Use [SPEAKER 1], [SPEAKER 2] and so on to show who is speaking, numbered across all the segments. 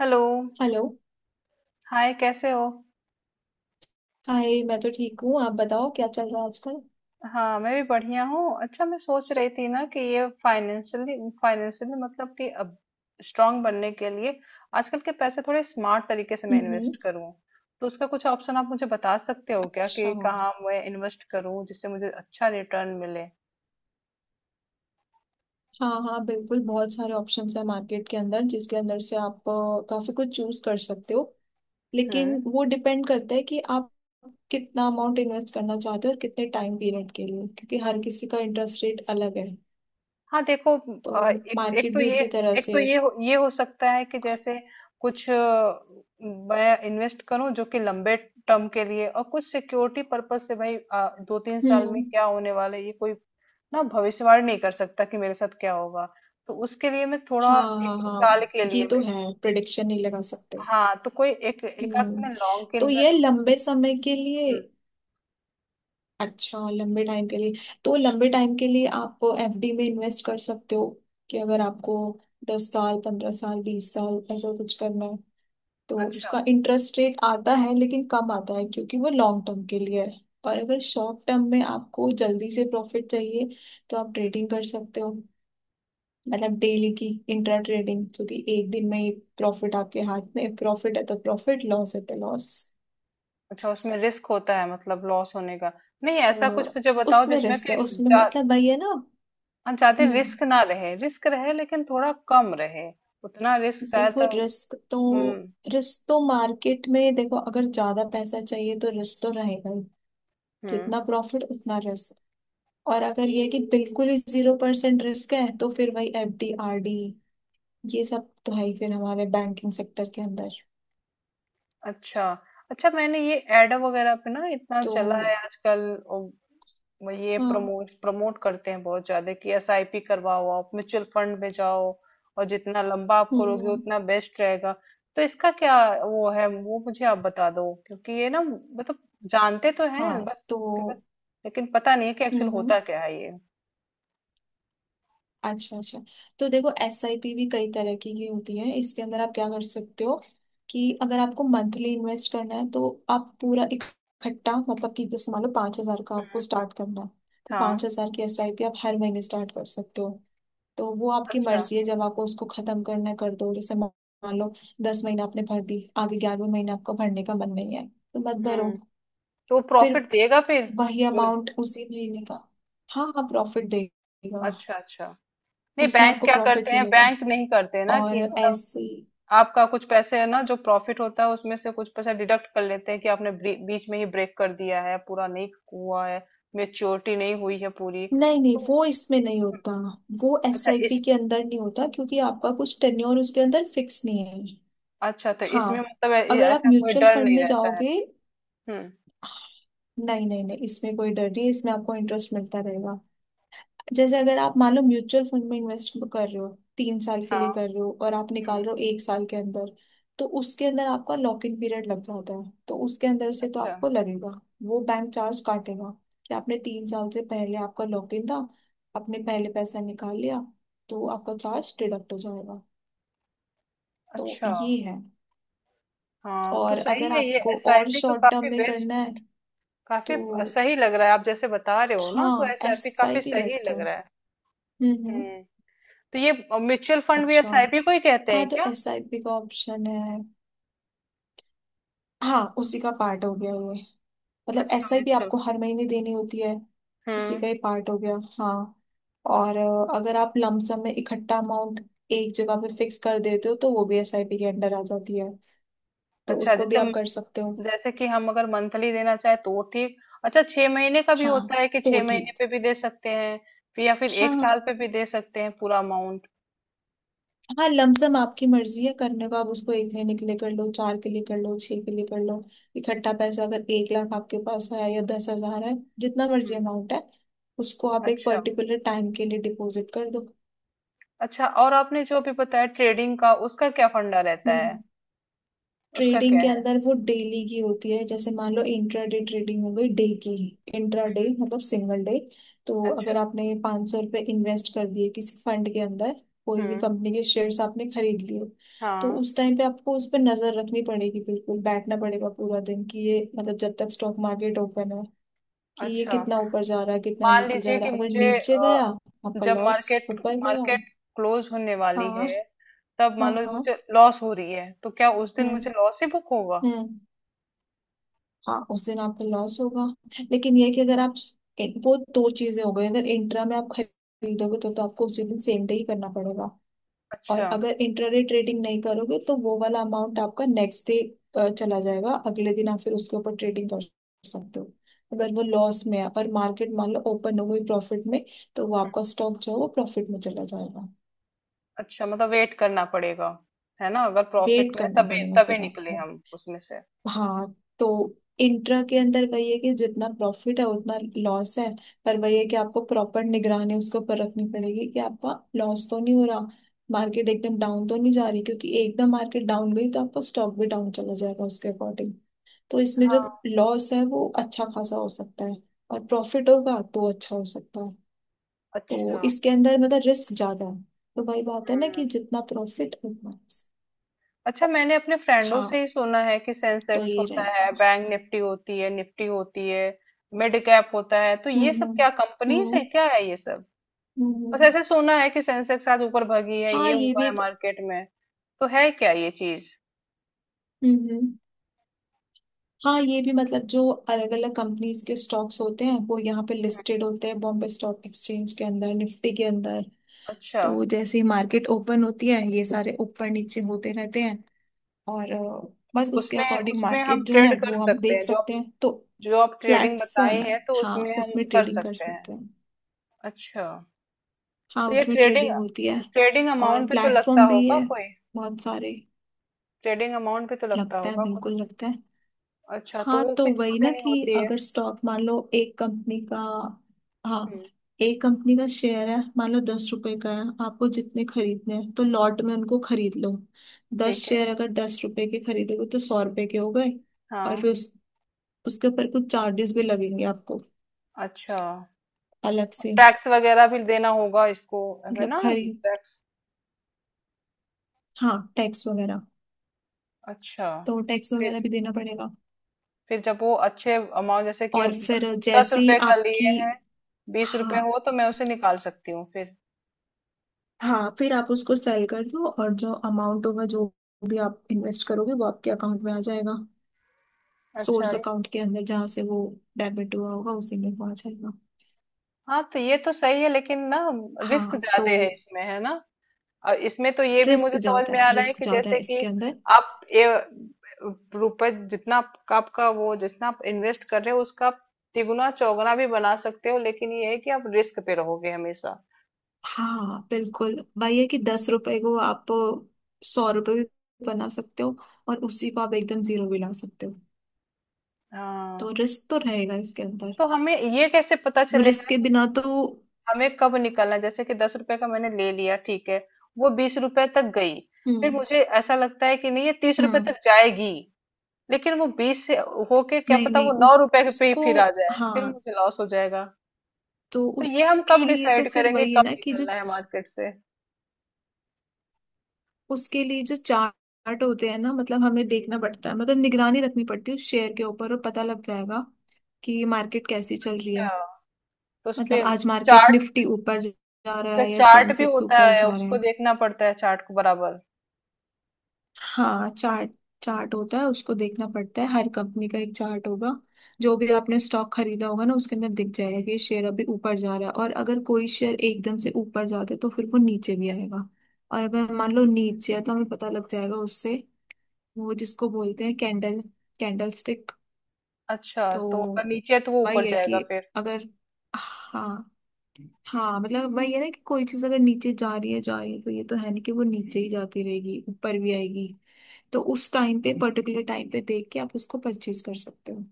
[SPEAKER 1] Hello.
[SPEAKER 2] Hello.
[SPEAKER 1] Hi, कैसे हो?
[SPEAKER 2] Hi, मैं तो ठीक हूँ, आप बताओ क्या चल रहा है आजकल।
[SPEAKER 1] हाँ, मैं भी बढ़िया हूँ। अच्छा, मैं सोच रही थी ना कि ये फाइनेंशियली फाइनेंशियली मतलब कि अब स्ट्रांग बनने के लिए आजकल के पैसे थोड़े स्मार्ट तरीके से मैं इन्वेस्ट
[SPEAKER 2] हम्म।
[SPEAKER 1] करूँ, तो उसका कुछ ऑप्शन आप मुझे बता सकते हो क्या कि
[SPEAKER 2] अच्छा।
[SPEAKER 1] कहाँ मैं इन्वेस्ट करूँ जिससे मुझे अच्छा रिटर्न मिले।
[SPEAKER 2] हाँ हाँ, बिल्कुल, बहुत सारे ऑप्शंस हैं मार्केट के अंदर जिसके अंदर से आप काफी कुछ चूज कर सकते हो, लेकिन
[SPEAKER 1] हम्म।
[SPEAKER 2] वो डिपेंड करता है कि आप कितना अमाउंट इन्वेस्ट करना चाहते हो और कितने टाइम पीरियड के लिए, क्योंकि हर किसी का इंटरेस्ट रेट अलग है,
[SPEAKER 1] हाँ, देखो,
[SPEAKER 2] तो
[SPEAKER 1] एक
[SPEAKER 2] मार्केट भी उसी तरह
[SPEAKER 1] एक तो
[SPEAKER 2] से है।
[SPEAKER 1] ये हो सकता है कि जैसे कुछ मैं इन्वेस्ट करूं जो कि लंबे टर्म के लिए, और कुछ सिक्योरिटी पर्पस से। भाई, दो तीन साल में
[SPEAKER 2] हम्म।
[SPEAKER 1] क्या होने वाला है, ये कोई ना भविष्यवाणी नहीं कर सकता कि मेरे साथ क्या होगा। तो उसके लिए मैं
[SPEAKER 2] हाँ
[SPEAKER 1] थोड़ा एक
[SPEAKER 2] हाँ
[SPEAKER 1] दो
[SPEAKER 2] हाँ,
[SPEAKER 1] साल के
[SPEAKER 2] ये
[SPEAKER 1] लिए
[SPEAKER 2] तो
[SPEAKER 1] मैं,
[SPEAKER 2] है, प्रिडिक्शन नहीं लगा सकते।
[SPEAKER 1] हाँ, तो कोई एक एक आध में
[SPEAKER 2] हम्म।
[SPEAKER 1] लॉन्ग के
[SPEAKER 2] तो
[SPEAKER 1] लिए।
[SPEAKER 2] ये लंबे समय के लिए।
[SPEAKER 1] हम्म,
[SPEAKER 2] अच्छा, लंबे टाइम के लिए तो लंबे टाइम के लिए आप एफडी में इन्वेस्ट कर सकते हो। कि अगर आपको दस साल, पंद्रह साल, बीस साल ऐसा कुछ करना है, तो
[SPEAKER 1] अच्छा।
[SPEAKER 2] उसका इंटरेस्ट रेट आता है लेकिन कम आता है, क्योंकि वो लॉन्ग टर्म के लिए है। और अगर शॉर्ट टर्म में आपको जल्दी से प्रॉफिट चाहिए तो आप
[SPEAKER 1] हम्म,
[SPEAKER 2] ट्रेडिंग कर सकते हो। मतलब डेली की इंट्रा ट्रेडिंग, क्योंकि एक दिन में ही प्रॉफिट आपके हाथ में, प्रॉफिट है तो प्रॉफिट, लॉस है तो लॉस।
[SPEAKER 1] अच्छा, उसमें रिस्क होता है मतलब लॉस होने का? नहीं, ऐसा कुछ
[SPEAKER 2] तो
[SPEAKER 1] मुझे बताओ
[SPEAKER 2] उसमें
[SPEAKER 1] जिसमें
[SPEAKER 2] रिस्क
[SPEAKER 1] कि
[SPEAKER 2] है, उसमें मतलब वही है ना।
[SPEAKER 1] हम चाहते
[SPEAKER 2] हम्म।
[SPEAKER 1] रिस्क ना रहे, रिस्क रहे लेकिन थोड़ा कम रहे, उतना रिस्क शायद
[SPEAKER 2] देखो
[SPEAKER 1] तो।
[SPEAKER 2] रिस्क तो,
[SPEAKER 1] हम्म।
[SPEAKER 2] मार्केट में देखो, अगर ज्यादा पैसा चाहिए तो रिस्क तो रहेगा ही।
[SPEAKER 1] हम्म।
[SPEAKER 2] जितना प्रॉफिट उतना रिस्क। और अगर ये है कि बिल्कुल ही जीरो परसेंट रिस्क है, तो फिर वही एफ डी, आर डी, ये सब तो है ही फिर हमारे बैंकिंग सेक्टर के अंदर।
[SPEAKER 1] अच्छा, अच्छा, मैंने ये एड वगैरह पे ना इतना
[SPEAKER 2] तो
[SPEAKER 1] चला है आजकल। ओ, वो ये
[SPEAKER 2] हाँ।
[SPEAKER 1] प्रमोट प्रमोट करते हैं बहुत ज्यादा कि एसआईपी करवाओ, आप म्यूचुअल फंड में जाओ, और जितना लंबा आप करोगे
[SPEAKER 2] हम्म।
[SPEAKER 1] उतना बेस्ट रहेगा। तो इसका क्या, वो है, वो मुझे आप बता दो, क्योंकि ये ना मतलब, जानते तो हैं
[SPEAKER 2] हाँ
[SPEAKER 1] बस उसके बाद,
[SPEAKER 2] तो।
[SPEAKER 1] लेकिन पता नहीं है कि एक्चुअल
[SPEAKER 2] हम्म हम्म।
[SPEAKER 1] होता क्या है ये।
[SPEAKER 2] अच्छा अच्छा। तो देखो एस आई पी भी कई तरह की ही होती है। इसके अंदर आप क्या कर सकते हो, कि अगर आपको मंथली इन्वेस्ट करना है तो आप पूरा इकट्ठा, मतलब कि जैसे मान लो पाँच हजार का आपको
[SPEAKER 1] हम्म,
[SPEAKER 2] स्टार्ट करना है, तो
[SPEAKER 1] हाँ,
[SPEAKER 2] पाँच हजार की एस आई पी आप हर महीने स्टार्ट कर सकते हो। तो वो आपकी
[SPEAKER 1] अच्छा।
[SPEAKER 2] मर्जी है, जब आपको उसको खत्म करना है, कर दो। जैसे मान लो दस महीने आपने भर दी, आगे ग्यारहवें महीने आपको भरने का मन नहीं है तो मत भरो।
[SPEAKER 1] हम्म। तो
[SPEAKER 2] फिर
[SPEAKER 1] प्रॉफिट देगा फिर
[SPEAKER 2] वही
[SPEAKER 1] जो,
[SPEAKER 2] अमाउंट उसी महीने का। हाँ हाँ, प्रॉफिट देगा।
[SPEAKER 1] अच्छा, अच्छा। नहीं,
[SPEAKER 2] उसमें
[SPEAKER 1] बैंक
[SPEAKER 2] आपको
[SPEAKER 1] क्या करते
[SPEAKER 2] प्रॉफिट
[SPEAKER 1] हैं,
[SPEAKER 2] मिलेगा।
[SPEAKER 1] बैंक नहीं करते ना
[SPEAKER 2] और
[SPEAKER 1] कि मतलब
[SPEAKER 2] ऐसी,
[SPEAKER 1] आपका कुछ पैसे है ना, जो प्रॉफिट होता है उसमें से कुछ पैसा डिडक्ट कर लेते हैं कि आपने बीच में ही ब्रेक कर दिया है, पूरा नहीं हुआ है, मेच्योरिटी नहीं हुई है पूरी।
[SPEAKER 2] नहीं नहीं,
[SPEAKER 1] तो
[SPEAKER 2] वो इसमें नहीं होता। वो
[SPEAKER 1] अच्छा
[SPEAKER 2] एसआईपी
[SPEAKER 1] इस,
[SPEAKER 2] के अंदर नहीं होता, क्योंकि आपका कुछ टेन्योर उसके अंदर फिक्स नहीं है।
[SPEAKER 1] अच्छा तो
[SPEAKER 2] हाँ।
[SPEAKER 1] इसमें मतलब
[SPEAKER 2] अगर आप
[SPEAKER 1] ऐसा कोई
[SPEAKER 2] म्यूचुअल
[SPEAKER 1] डर
[SPEAKER 2] फंड
[SPEAKER 1] नहीं
[SPEAKER 2] में
[SPEAKER 1] रहता है?
[SPEAKER 2] जाओगे,
[SPEAKER 1] हम्म।
[SPEAKER 2] नहीं नहीं नहीं इसमें कोई डर नहीं, इसमें आपको इंटरेस्ट मिलता रहेगा। जैसे अगर आप मान लो म्यूचुअल फंड में इन्वेस्ट कर रहे हो, तीन साल के लिए
[SPEAKER 1] हाँ।
[SPEAKER 2] कर रहे हो और आप
[SPEAKER 1] हम्म,
[SPEAKER 2] निकाल रहे हो एक साल के अंदर, तो उसके अंदर आपका लॉक इन पीरियड लग जाता है, तो उसके अंदर से तो
[SPEAKER 1] अच्छा,
[SPEAKER 2] आपको लगेगा, वो बैंक चार्ज काटेगा कि आपने तीन साल से पहले, आपका लॉक इन था, आपने पहले पैसा निकाल लिया, तो आपका चार्ज डिडक्ट हो जाएगा। तो
[SPEAKER 1] अच्छा।
[SPEAKER 2] ये है।
[SPEAKER 1] हाँ, तो
[SPEAKER 2] और
[SPEAKER 1] सही
[SPEAKER 2] अगर
[SPEAKER 1] है, ये
[SPEAKER 2] आपको और
[SPEAKER 1] एसआईपी तो
[SPEAKER 2] शॉर्ट टर्म
[SPEAKER 1] काफी
[SPEAKER 2] में
[SPEAKER 1] बेस्ट,
[SPEAKER 2] करना है
[SPEAKER 1] काफी
[SPEAKER 2] तो,
[SPEAKER 1] सही लग रहा है आप जैसे बता रहे हो ना, तो
[SPEAKER 2] हाँ एस
[SPEAKER 1] एसआईपी
[SPEAKER 2] आई
[SPEAKER 1] काफी
[SPEAKER 2] पी
[SPEAKER 1] सही
[SPEAKER 2] बेस्ट है।
[SPEAKER 1] लग रहा है।
[SPEAKER 2] हम्म।
[SPEAKER 1] हम्म। तो ये म्यूचुअल फंड भी
[SPEAKER 2] अच्छा।
[SPEAKER 1] एसआईपी को ही कहते
[SPEAKER 2] हाँ
[SPEAKER 1] हैं
[SPEAKER 2] तो
[SPEAKER 1] क्या?
[SPEAKER 2] एस आई पी का ऑप्शन है। हाँ उसी का पार्ट हो गया ये, मतलब
[SPEAKER 1] अच्छा,
[SPEAKER 2] एसआईपी
[SPEAKER 1] म्यूचुअल,
[SPEAKER 2] आपको हर महीने देनी होती है। उसी
[SPEAKER 1] हम्म।
[SPEAKER 2] का ही पार्ट हो गया हाँ। और अगर आप लमसम में इकट्ठा अमाउंट एक जगह पे फिक्स कर देते हो तो वो भी एसआईपी के अंडर आ जाती है, तो
[SPEAKER 1] अच्छा,
[SPEAKER 2] उसको भी
[SPEAKER 1] जैसे
[SPEAKER 2] आप कर सकते हो।
[SPEAKER 1] जैसे कि हम अगर मंथली देना चाहे तो वो ठीक, अच्छा छह महीने का भी
[SPEAKER 2] हाँ
[SPEAKER 1] होता है कि
[SPEAKER 2] तो वो
[SPEAKER 1] छह महीने
[SPEAKER 2] ठीक।
[SPEAKER 1] पे भी दे सकते हैं, फिर या फिर
[SPEAKER 2] हाँ
[SPEAKER 1] एक साल
[SPEAKER 2] हाँ
[SPEAKER 1] पे भी दे सकते हैं पूरा अमाउंट।
[SPEAKER 2] हाँ, लमसम आपकी मर्जी है करने को, आप उसको एक महीने के लिए कर लो, चार के लिए कर लो, छह के लिए कर लो। इकट्ठा पैसा, अगर एक लाख आपके पास है या दस हजार है, जितना मर्जी
[SPEAKER 1] हम्म।
[SPEAKER 2] अमाउंट है, उसको आप एक
[SPEAKER 1] अच्छा,
[SPEAKER 2] पर्टिकुलर टाइम के लिए डिपॉजिट कर दो।
[SPEAKER 1] अच्छा, और आपने जो भी बताया ट्रेडिंग का, उसका क्या फंडा रहता है,
[SPEAKER 2] हम्म।
[SPEAKER 1] उसका
[SPEAKER 2] ट्रेडिंग
[SPEAKER 1] क्या
[SPEAKER 2] के
[SPEAKER 1] है?
[SPEAKER 2] अंदर वो डेली की होती है, जैसे मान लो इंट्राडे ट्रेडिंग हो गई, डे की। इंट्राडे मतलब सिंगल डे। तो
[SPEAKER 1] अच्छा।
[SPEAKER 2] अगर आपने 500 सौ रुपये इन्वेस्ट कर दिए किसी फंड के अंदर, कोई भी
[SPEAKER 1] हम्म,
[SPEAKER 2] कंपनी के शेयर्स आपने खरीद लिए, तो
[SPEAKER 1] हाँ।
[SPEAKER 2] उस टाइम पे आपको उस पर नजर रखनी पड़ेगी, बिल्कुल बैठना पड़ेगा पूरा दिन, कि ये मतलब जब तक स्टॉक मार्केट ओपन है, कि ये
[SPEAKER 1] अच्छा,
[SPEAKER 2] कितना ऊपर जा रहा है कितना
[SPEAKER 1] मान
[SPEAKER 2] नीचे जा
[SPEAKER 1] लीजिए
[SPEAKER 2] रहा
[SPEAKER 1] कि
[SPEAKER 2] है। अगर
[SPEAKER 1] मुझे
[SPEAKER 2] नीचे गया आपका
[SPEAKER 1] जब
[SPEAKER 2] लॉस,
[SPEAKER 1] मार्केट,
[SPEAKER 2] ऊपर गया।
[SPEAKER 1] मार्केट क्लोज होने वाली
[SPEAKER 2] हाँ
[SPEAKER 1] है, तब मान
[SPEAKER 2] हाँ
[SPEAKER 1] लो
[SPEAKER 2] हाँ।
[SPEAKER 1] मुझे लॉस हो रही है, तो क्या उस दिन मुझे
[SPEAKER 2] हम्म
[SPEAKER 1] लॉस ही बुक होगा?
[SPEAKER 2] हम्म। हाँ उस दिन आपका लॉस होगा। लेकिन ये है कि अगर आप, वो दो चीजें हो गई। अगर इंट्रा में आप खरीदोगे तो आपको उसी दिन सेम डे ही करना पड़ेगा।
[SPEAKER 1] अच्छा।
[SPEAKER 2] और अगर इंट्राडे ट्रेडिंग नहीं करोगे तो वो वाला अमाउंट आपका नेक्स्ट डे चला जाएगा, अगले दिन आप फिर उसके ऊपर ट्रेडिंग कर सकते हो। अगर वो लॉस में है और मार्केट मान लो ओपन हो गई प्रॉफिट में, तो वो आपका स्टॉक जो है वो प्रॉफिट में चला जाएगा।
[SPEAKER 1] अच्छा, मतलब वेट करना पड़ेगा, है ना? अगर प्रॉफिट
[SPEAKER 2] वेट
[SPEAKER 1] में
[SPEAKER 2] करना
[SPEAKER 1] तभी
[SPEAKER 2] पड़ेगा
[SPEAKER 1] तभी
[SPEAKER 2] फिर
[SPEAKER 1] निकले
[SPEAKER 2] आपको।
[SPEAKER 1] हम उसमें से।
[SPEAKER 2] हाँ तो इंट्रा के अंदर वही है कि जितना प्रॉफिट है उतना लॉस है। पर वही है कि आपको प्रॉपर निगरानी उसके ऊपर रखनी पड़ेगी कि आपका लॉस तो नहीं हो रहा, मार्केट एकदम डाउन तो नहीं जा रही, क्योंकि एकदम मार्केट डाउन गई तो आपका स्टॉक भी डाउन चला जाएगा उसके अकॉर्डिंग। तो इसमें जो
[SPEAKER 1] हाँ।
[SPEAKER 2] लॉस है वो अच्छा खासा हो सकता है, और प्रॉफिट होगा तो अच्छा हो सकता है। तो
[SPEAKER 1] अच्छा।
[SPEAKER 2] इसके अंदर मतलब रिस्क ज्यादा है। तो वही बात है ना कि
[SPEAKER 1] हम्म।
[SPEAKER 2] जितना प्रॉफिट उतना risk।
[SPEAKER 1] अच्छा, मैंने अपने फ्रेंडों से
[SPEAKER 2] हाँ
[SPEAKER 1] ही सुना है कि
[SPEAKER 2] तो
[SPEAKER 1] सेंसेक्स
[SPEAKER 2] ये
[SPEAKER 1] होता है,
[SPEAKER 2] रहेगा।
[SPEAKER 1] बैंक निफ्टी होती है, निफ्टी होती है, मिड कैप होता है, तो ये सब
[SPEAKER 2] हम्म।
[SPEAKER 1] क्या कंपनीज है,
[SPEAKER 2] हम्म
[SPEAKER 1] क्या है ये सब?
[SPEAKER 2] हम्म।
[SPEAKER 1] बस
[SPEAKER 2] हम्म।
[SPEAKER 1] ऐसे सुना है कि सेंसेक्स आज ऊपर भागी है,
[SPEAKER 2] हाँ
[SPEAKER 1] ये
[SPEAKER 2] ये
[SPEAKER 1] हुआ
[SPEAKER 2] भी
[SPEAKER 1] है
[SPEAKER 2] एक।
[SPEAKER 1] मार्केट में, तो है क्या ये चीज?
[SPEAKER 2] हम्म। हाँ ये भी मतलब जो अलग अलग कंपनीज के स्टॉक्स होते हैं वो यहाँ पे लिस्टेड होते हैं, बॉम्बे स्टॉक एक्सचेंज के अंदर, निफ्टी के अंदर।
[SPEAKER 1] अच्छा,
[SPEAKER 2] तो जैसे ही मार्केट ओपन होती है ये सारे ऊपर नीचे होते रहते हैं। और
[SPEAKER 1] तो
[SPEAKER 2] बस उसके
[SPEAKER 1] उसमें,
[SPEAKER 2] अकॉर्डिंग
[SPEAKER 1] उसमें हम
[SPEAKER 2] मार्केट जो है
[SPEAKER 1] ट्रेड कर
[SPEAKER 2] वो हम
[SPEAKER 1] सकते
[SPEAKER 2] देख
[SPEAKER 1] हैं, जो
[SPEAKER 2] सकते हैं। तो
[SPEAKER 1] जो आप ट्रेडिंग बताई
[SPEAKER 2] प्लेटफॉर्म
[SPEAKER 1] है
[SPEAKER 2] है,
[SPEAKER 1] तो
[SPEAKER 2] हाँ
[SPEAKER 1] उसमें हम
[SPEAKER 2] उसमें
[SPEAKER 1] कर
[SPEAKER 2] ट्रेडिंग कर
[SPEAKER 1] सकते हैं?
[SPEAKER 2] सकते हैं।
[SPEAKER 1] अच्छा,
[SPEAKER 2] हाँ
[SPEAKER 1] तो ये
[SPEAKER 2] उसमें
[SPEAKER 1] ट्रेडिंग,
[SPEAKER 2] ट्रेडिंग होती है।
[SPEAKER 1] ट्रेडिंग अमाउंट
[SPEAKER 2] और
[SPEAKER 1] पे तो लगता
[SPEAKER 2] प्लेटफॉर्म भी
[SPEAKER 1] होगा
[SPEAKER 2] है
[SPEAKER 1] कोई,
[SPEAKER 2] बहुत सारे।
[SPEAKER 1] ट्रेडिंग अमाउंट पे तो लगता
[SPEAKER 2] लगता है,
[SPEAKER 1] होगा कुछ?
[SPEAKER 2] बिल्कुल लगता है।
[SPEAKER 1] अच्छा, तो
[SPEAKER 2] हाँ
[SPEAKER 1] वो
[SPEAKER 2] तो
[SPEAKER 1] किसको
[SPEAKER 2] वही ना
[SPEAKER 1] देनी
[SPEAKER 2] कि
[SPEAKER 1] होती है?
[SPEAKER 2] अगर स्टॉक मान लो एक कंपनी का,
[SPEAKER 1] हम्म।
[SPEAKER 2] हाँ एक कंपनी का शेयर है मान लो दस रुपए का है, आपको जितने खरीदने हैं तो लॉट में उनको खरीद लो। दस
[SPEAKER 1] ठीक है।
[SPEAKER 2] शेयर अगर दस रुपए के खरीदोगे तो सौ रुपए के हो गए। और
[SPEAKER 1] हाँ।
[SPEAKER 2] फिर उस, उसके ऊपर कुछ चार्जेस भी लगेंगे आपको
[SPEAKER 1] अच्छा,
[SPEAKER 2] अलग से।
[SPEAKER 1] टैक्स वगैरह भी देना होगा इसको, है
[SPEAKER 2] मतलब
[SPEAKER 1] ना,
[SPEAKER 2] खरीद,
[SPEAKER 1] टैक्स?
[SPEAKER 2] हाँ टैक्स वगैरह,
[SPEAKER 1] अच्छा।
[SPEAKER 2] तो टैक्स
[SPEAKER 1] फिर
[SPEAKER 2] वगैरह भी देना पड़ेगा।
[SPEAKER 1] फिर जब वो अच्छे अमाउंट, जैसे कि
[SPEAKER 2] और फिर
[SPEAKER 1] दस
[SPEAKER 2] जैसे ही
[SPEAKER 1] रुपए का लिए
[SPEAKER 2] आपकी,
[SPEAKER 1] हैं, बीस रुपए
[SPEAKER 2] हाँ
[SPEAKER 1] हो तो मैं उसे निकाल सकती हूँ फिर?
[SPEAKER 2] हाँ फिर आप उसको सेल कर दो, और जो अमाउंट होगा जो भी आप इन्वेस्ट करोगे वो आपके अकाउंट में आ जाएगा।
[SPEAKER 1] अच्छा।
[SPEAKER 2] सोर्स अकाउंट के अंदर जहाँ से वो डेबिट हुआ होगा उसी में वो आ जाएगा।
[SPEAKER 1] हाँ तो ये तो सही है, लेकिन ना, रिस्क
[SPEAKER 2] हाँ तो
[SPEAKER 1] ज्यादा है इसमें, है ना? और इसमें तो ये भी
[SPEAKER 2] रिस्क
[SPEAKER 1] मुझे समझ
[SPEAKER 2] ज्यादा
[SPEAKER 1] में
[SPEAKER 2] है,
[SPEAKER 1] आ रहा है कि जैसे कि
[SPEAKER 2] इसके अंदर।
[SPEAKER 1] आप ये रुपए जितना, आपका आपका वो जितना आप इन्वेस्ट कर रहे हो, उसका आप तिगुना चौगुना भी बना सकते हो, लेकिन ये है कि आप रिस्क पे रहोगे हमेशा।
[SPEAKER 2] हाँ बिल्कुल, वही है कि दस रुपए को आप सौ रुपए भी बना सकते हो, और उसी को आप एकदम जीरो भी ला सकते हो।
[SPEAKER 1] हाँ,
[SPEAKER 2] तो रिस्क तो रहेगा इसके अंदर,
[SPEAKER 1] तो हमें ये कैसे पता
[SPEAKER 2] रिस्क
[SPEAKER 1] चलेगा
[SPEAKER 2] के
[SPEAKER 1] कि
[SPEAKER 2] बिना तो।
[SPEAKER 1] हमें कब निकलना है? जैसे कि दस रुपए का मैंने ले लिया, ठीक है, वो बीस रुपए तक गई, फिर
[SPEAKER 2] हम्म
[SPEAKER 1] मुझे ऐसा लगता है कि नहीं, ये तीस रुपए
[SPEAKER 2] हम्म।
[SPEAKER 1] तक जाएगी, लेकिन वो बीस से होके क्या
[SPEAKER 2] नहीं
[SPEAKER 1] पता वो
[SPEAKER 2] नहीं,
[SPEAKER 1] नौ
[SPEAKER 2] उस
[SPEAKER 1] रुपए के पे ही
[SPEAKER 2] उसको,
[SPEAKER 1] फिर आ जाए, फिर
[SPEAKER 2] हाँ
[SPEAKER 1] मुझे लॉस हो जाएगा।
[SPEAKER 2] तो
[SPEAKER 1] तो ये हम
[SPEAKER 2] उसके
[SPEAKER 1] कब
[SPEAKER 2] लिए तो
[SPEAKER 1] डिसाइड
[SPEAKER 2] फिर
[SPEAKER 1] करेंगे
[SPEAKER 2] वही है
[SPEAKER 1] कब
[SPEAKER 2] ना कि जो,
[SPEAKER 1] निकलना है मार्केट से?
[SPEAKER 2] उसके लिए जो चार्ट होते हैं ना, मतलब हमें
[SPEAKER 1] हम्म।
[SPEAKER 2] देखना पड़ता है, मतलब निगरानी रखनी पड़ती है उस शेयर के ऊपर और पता लग जाएगा कि मार्केट कैसी चल रही है।
[SPEAKER 1] अच्छा, तो उसपे
[SPEAKER 2] मतलब आज मार्केट
[SPEAKER 1] चार्ट,
[SPEAKER 2] निफ्टी ऊपर जा रहा है या
[SPEAKER 1] चार्ट भी
[SPEAKER 2] सेंसेक्स
[SPEAKER 1] होता
[SPEAKER 2] ऊपर
[SPEAKER 1] है,
[SPEAKER 2] जा रहा
[SPEAKER 1] उसको
[SPEAKER 2] है।
[SPEAKER 1] देखना पड़ता है चार्ट को बराबर?
[SPEAKER 2] हाँ चार्ट, होता है, उसको देखना पड़ता है। हर कंपनी का एक चार्ट होगा, जो भी आपने स्टॉक खरीदा होगा ना, उसके अंदर दिख जाएगा कि ये शेयर अभी ऊपर जा रहा है। और अगर कोई शेयर एकदम से ऊपर जाता है तो फिर वो नीचे भी आएगा। और अगर मान लो नीचे है तो हमें पता लग जाएगा उससे, वो जिसको बोलते हैं कैंडल, कैंडल स्टिक।
[SPEAKER 1] अच्छा, तो अगर
[SPEAKER 2] तो
[SPEAKER 1] नीचे है तो वो ऊपर
[SPEAKER 2] वही है
[SPEAKER 1] जाएगा
[SPEAKER 2] कि
[SPEAKER 1] फिर?
[SPEAKER 2] अगर, हाँ हाँ, मतलब वही है ना कि कोई चीज अगर नीचे जा रही है तो ये तो है नहीं कि वो नीचे ही जाती रहेगी, ऊपर भी आएगी। तो उस टाइम पे, पर्टिकुलर टाइम पे देख के आप उसको परचेज कर सकते हो।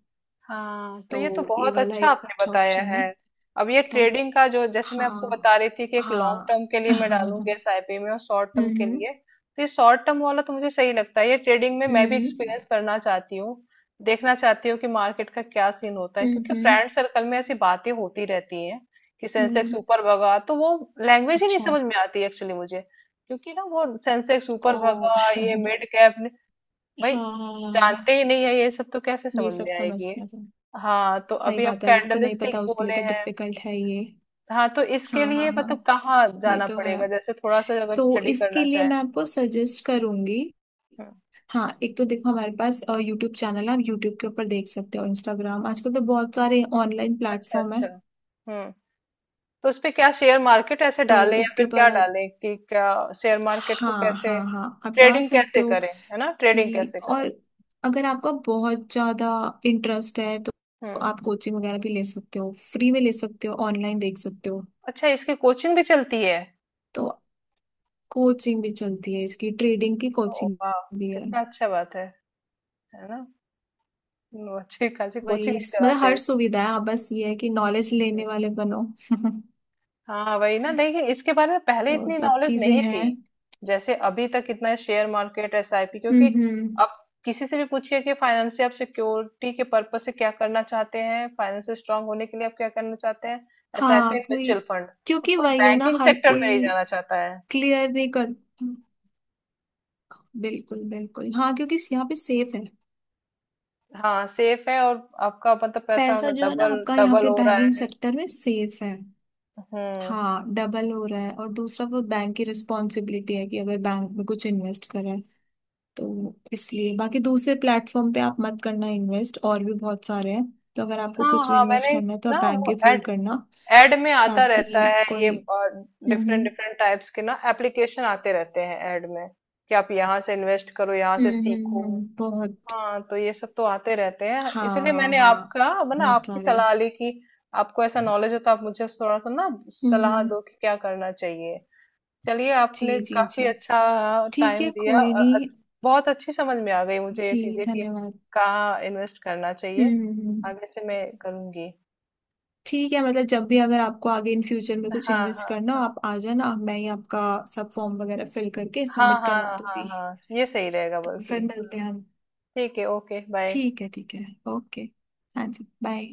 [SPEAKER 1] हाँ, तो ये तो
[SPEAKER 2] तो ये
[SPEAKER 1] बहुत
[SPEAKER 2] वाला
[SPEAKER 1] अच्छा
[SPEAKER 2] एक
[SPEAKER 1] आपने
[SPEAKER 2] अच्छा
[SPEAKER 1] बताया
[SPEAKER 2] ऑप्शन है।
[SPEAKER 1] है। अब ये
[SPEAKER 2] मतलब
[SPEAKER 1] ट्रेडिंग का जो, जैसे मैं आपको
[SPEAKER 2] हाँ
[SPEAKER 1] बता रही थी कि एक लॉन्ग
[SPEAKER 2] हाँ
[SPEAKER 1] टर्म के लिए मैं
[SPEAKER 2] हम्म।
[SPEAKER 1] डालूंगी एसआईपी में, और शॉर्ट टर्म के
[SPEAKER 2] हम्म
[SPEAKER 1] लिए, तो ये शॉर्ट टर्म वाला तो मुझे सही लगता है, ये ट्रेडिंग में मैं भी एक्सपीरियंस करना चाहती हूँ, देखना चाहती हूँ कि मार्केट का क्या सीन होता है,
[SPEAKER 2] हम्म।
[SPEAKER 1] क्योंकि फ्रेंड सर्कल में ऐसी बातें होती रहती हैं कि सेंसेक्स
[SPEAKER 2] हम्म,
[SPEAKER 1] ऊपर भगा, तो वो लैंग्वेज ही नहीं
[SPEAKER 2] अच्छा,
[SPEAKER 1] समझ में आती एक्चुअली मुझे, क्योंकि ना वो सेंसेक्स ऊपर
[SPEAKER 2] ओ
[SPEAKER 1] भगा, ये मिड कैप, भाई,
[SPEAKER 2] हाँ
[SPEAKER 1] जानते ही नहीं है ये सब, तो कैसे
[SPEAKER 2] ये
[SPEAKER 1] समझ
[SPEAKER 2] सब
[SPEAKER 1] में आएगी?
[SPEAKER 2] समझना था।
[SPEAKER 1] हाँ, तो
[SPEAKER 2] सही
[SPEAKER 1] अभी आप
[SPEAKER 2] बात है, जिसको
[SPEAKER 1] कैंडल
[SPEAKER 2] नहीं पता
[SPEAKER 1] स्टिक
[SPEAKER 2] उसके लिए
[SPEAKER 1] बोले
[SPEAKER 2] तो
[SPEAKER 1] हैं,
[SPEAKER 2] डिफिकल्ट है ये।
[SPEAKER 1] हाँ, तो इसके
[SPEAKER 2] हाँ
[SPEAKER 1] लिए
[SPEAKER 2] हाँ
[SPEAKER 1] मतलब
[SPEAKER 2] हाँ,
[SPEAKER 1] कहाँ
[SPEAKER 2] ये
[SPEAKER 1] जाना
[SPEAKER 2] तो है।
[SPEAKER 1] पड़ेगा जैसे थोड़ा सा अगर
[SPEAKER 2] तो
[SPEAKER 1] स्टडी करना
[SPEAKER 2] इसके लिए
[SPEAKER 1] चाहे
[SPEAKER 2] मैं
[SPEAKER 1] तो?
[SPEAKER 2] आपको सजेस्ट करूंगी,
[SPEAKER 1] हम्म,
[SPEAKER 2] हाँ एक तो देखो हमारे पास यूट्यूब चैनल है, आप यूट्यूब के ऊपर देख सकते हो, इंस्टाग्राम, आजकल तो बहुत सारे ऑनलाइन
[SPEAKER 1] अच्छा,
[SPEAKER 2] प्लेटफॉर्म है।
[SPEAKER 1] अच्छा। हम्म, तो उसपे क्या शेयर मार्केट ऐसे
[SPEAKER 2] तो
[SPEAKER 1] डाले या
[SPEAKER 2] उसके
[SPEAKER 1] फिर क्या
[SPEAKER 2] ऊपर,
[SPEAKER 1] डाले कि क्या, शेयर मार्केट को
[SPEAKER 2] हाँ
[SPEAKER 1] कैसे,
[SPEAKER 2] हाँ हाँ आप डाल
[SPEAKER 1] ट्रेडिंग
[SPEAKER 2] सकते
[SPEAKER 1] कैसे
[SPEAKER 2] हो।
[SPEAKER 1] करें, है ना, ट्रेडिंग
[SPEAKER 2] कि
[SPEAKER 1] कैसे
[SPEAKER 2] और
[SPEAKER 1] करें?
[SPEAKER 2] अगर आपका बहुत ज्यादा इंटरेस्ट है तो
[SPEAKER 1] हम्म।
[SPEAKER 2] आप कोचिंग वगैरह भी ले सकते हो, फ्री में ले सकते हो, ऑनलाइन देख सकते हो।
[SPEAKER 1] अच्छा, इसकी कोचिंग भी चलती है?
[SPEAKER 2] तो कोचिंग भी चलती है, इसकी ट्रेडिंग की
[SPEAKER 1] ओ
[SPEAKER 2] कोचिंग
[SPEAKER 1] वाह,
[SPEAKER 2] भी है।
[SPEAKER 1] कितना अच्छा बात है ना! अच्छी खासी कोचिंग
[SPEAKER 2] वही,
[SPEAKER 1] भी
[SPEAKER 2] मतलब
[SPEAKER 1] चलाते
[SPEAKER 2] हर सुविधा है, आप बस ये है कि नॉलेज
[SPEAKER 1] हैं।
[SPEAKER 2] लेने वाले बनो।
[SPEAKER 1] हाँ वही ना, लेकिन इसके बारे में पहले
[SPEAKER 2] तो
[SPEAKER 1] इतनी
[SPEAKER 2] सब
[SPEAKER 1] नॉलेज
[SPEAKER 2] चीजें
[SPEAKER 1] नहीं थी,
[SPEAKER 2] हैं।
[SPEAKER 1] जैसे अभी तक इतना शेयर मार्केट एसआईपी, क्योंकि
[SPEAKER 2] हम्म।
[SPEAKER 1] अब किसी से भी पूछिए कि फाइनेंस से आप सिक्योरिटी के पर्पज से क्या करना चाहते हैं, फाइनेंस स्ट्रांग होने के लिए आप क्या करना चाहते हैं, एसआईपी,
[SPEAKER 2] हाँ कोई,
[SPEAKER 1] म्यूचुअल फंड, अब
[SPEAKER 2] क्योंकि
[SPEAKER 1] कोई
[SPEAKER 2] वही है ना,
[SPEAKER 1] बैंकिंग
[SPEAKER 2] हर
[SPEAKER 1] सेक्टर में
[SPEAKER 2] कोई
[SPEAKER 1] नहीं जाना चाहता है।
[SPEAKER 2] क्लियर नहीं करता। बिल्कुल बिल्कुल, हाँ क्योंकि यहाँ पे सेफ है।
[SPEAKER 1] हाँ, सेफ है, और आपका मतलब पैसा
[SPEAKER 2] पैसा
[SPEAKER 1] अगर
[SPEAKER 2] जो है ना
[SPEAKER 1] डबल
[SPEAKER 2] आपका यहाँ
[SPEAKER 1] डबल
[SPEAKER 2] पे
[SPEAKER 1] हो रहा
[SPEAKER 2] बैंकिंग
[SPEAKER 1] है।
[SPEAKER 2] सेक्टर में सेफ है।
[SPEAKER 1] हम्म।
[SPEAKER 2] हाँ डबल हो रहा है, और दूसरा वो बैंक की रिस्पॉन्सिबिलिटी है कि अगर बैंक में कुछ इन्वेस्ट करें। तो इसलिए बाकी दूसरे प्लेटफॉर्म पे आप मत करना इन्वेस्ट, और भी बहुत सारे हैं। तो अगर आपको
[SPEAKER 1] हाँ,
[SPEAKER 2] कुछ भी
[SPEAKER 1] हाँ,
[SPEAKER 2] इन्वेस्ट
[SPEAKER 1] मैंने,
[SPEAKER 2] करना है तो आप
[SPEAKER 1] ना
[SPEAKER 2] बैंक के
[SPEAKER 1] वो
[SPEAKER 2] थ्रू ही करना,
[SPEAKER 1] ऐड में आता रहता
[SPEAKER 2] ताकि
[SPEAKER 1] है ये,
[SPEAKER 2] कोई,
[SPEAKER 1] डिफरेंट
[SPEAKER 2] हम्म।
[SPEAKER 1] डिफरेंट टाइप्स के ना एप्लीकेशन आते रहते हैं ऐड में, कि आप यहाँ से इन्वेस्ट करो, यहाँ से सीखो।
[SPEAKER 2] बहुत।
[SPEAKER 1] हाँ, तो ये सब तो आते रहते हैं,
[SPEAKER 2] हाँ
[SPEAKER 1] इसलिए
[SPEAKER 2] हाँ हाँ,
[SPEAKER 1] मैंने
[SPEAKER 2] बहुत
[SPEAKER 1] आपकी
[SPEAKER 2] सारे।
[SPEAKER 1] सलाह ली कि आपको ऐसा नॉलेज हो तो आप मुझे थोड़ा सा ना
[SPEAKER 2] हम्म
[SPEAKER 1] सलाह
[SPEAKER 2] हम्म,
[SPEAKER 1] दो कि क्या करना चाहिए। चलिए,
[SPEAKER 2] जी
[SPEAKER 1] आपने
[SPEAKER 2] जी जी,
[SPEAKER 1] काफी अच्छा
[SPEAKER 2] ठीक
[SPEAKER 1] टाइम
[SPEAKER 2] है
[SPEAKER 1] दिया,
[SPEAKER 2] कोई
[SPEAKER 1] और
[SPEAKER 2] नहीं।
[SPEAKER 1] बहुत अच्छी समझ में आ गई मुझे ये
[SPEAKER 2] जी
[SPEAKER 1] चीजें कि
[SPEAKER 2] धन्यवाद।
[SPEAKER 1] कहाँ इन्वेस्ट करना चाहिए,
[SPEAKER 2] हम्म हम्म,
[SPEAKER 1] आगे से मैं करूंगी।
[SPEAKER 2] ठीक है, मतलब जब भी अगर आपको आगे इन फ्यूचर में कुछ
[SPEAKER 1] हाँ,
[SPEAKER 2] इन्वेस्ट
[SPEAKER 1] हाँ,
[SPEAKER 2] करना हो
[SPEAKER 1] हाँ,
[SPEAKER 2] आप आ जाना, मैं ही आपका सब फॉर्म वगैरह फिल करके
[SPEAKER 1] हाँ,
[SPEAKER 2] सबमिट
[SPEAKER 1] हाँ,
[SPEAKER 2] करवा
[SPEAKER 1] हाँ, हाँ,
[SPEAKER 2] दूंगी।
[SPEAKER 1] हाँ, ये सही रहेगा
[SPEAKER 2] तो
[SPEAKER 1] बल्कि।
[SPEAKER 2] फिर मिलते हैं हम।
[SPEAKER 1] ठीक है, ओके, बाय।
[SPEAKER 2] ठीक है ठीक है, ओके। हाँ जी बाय।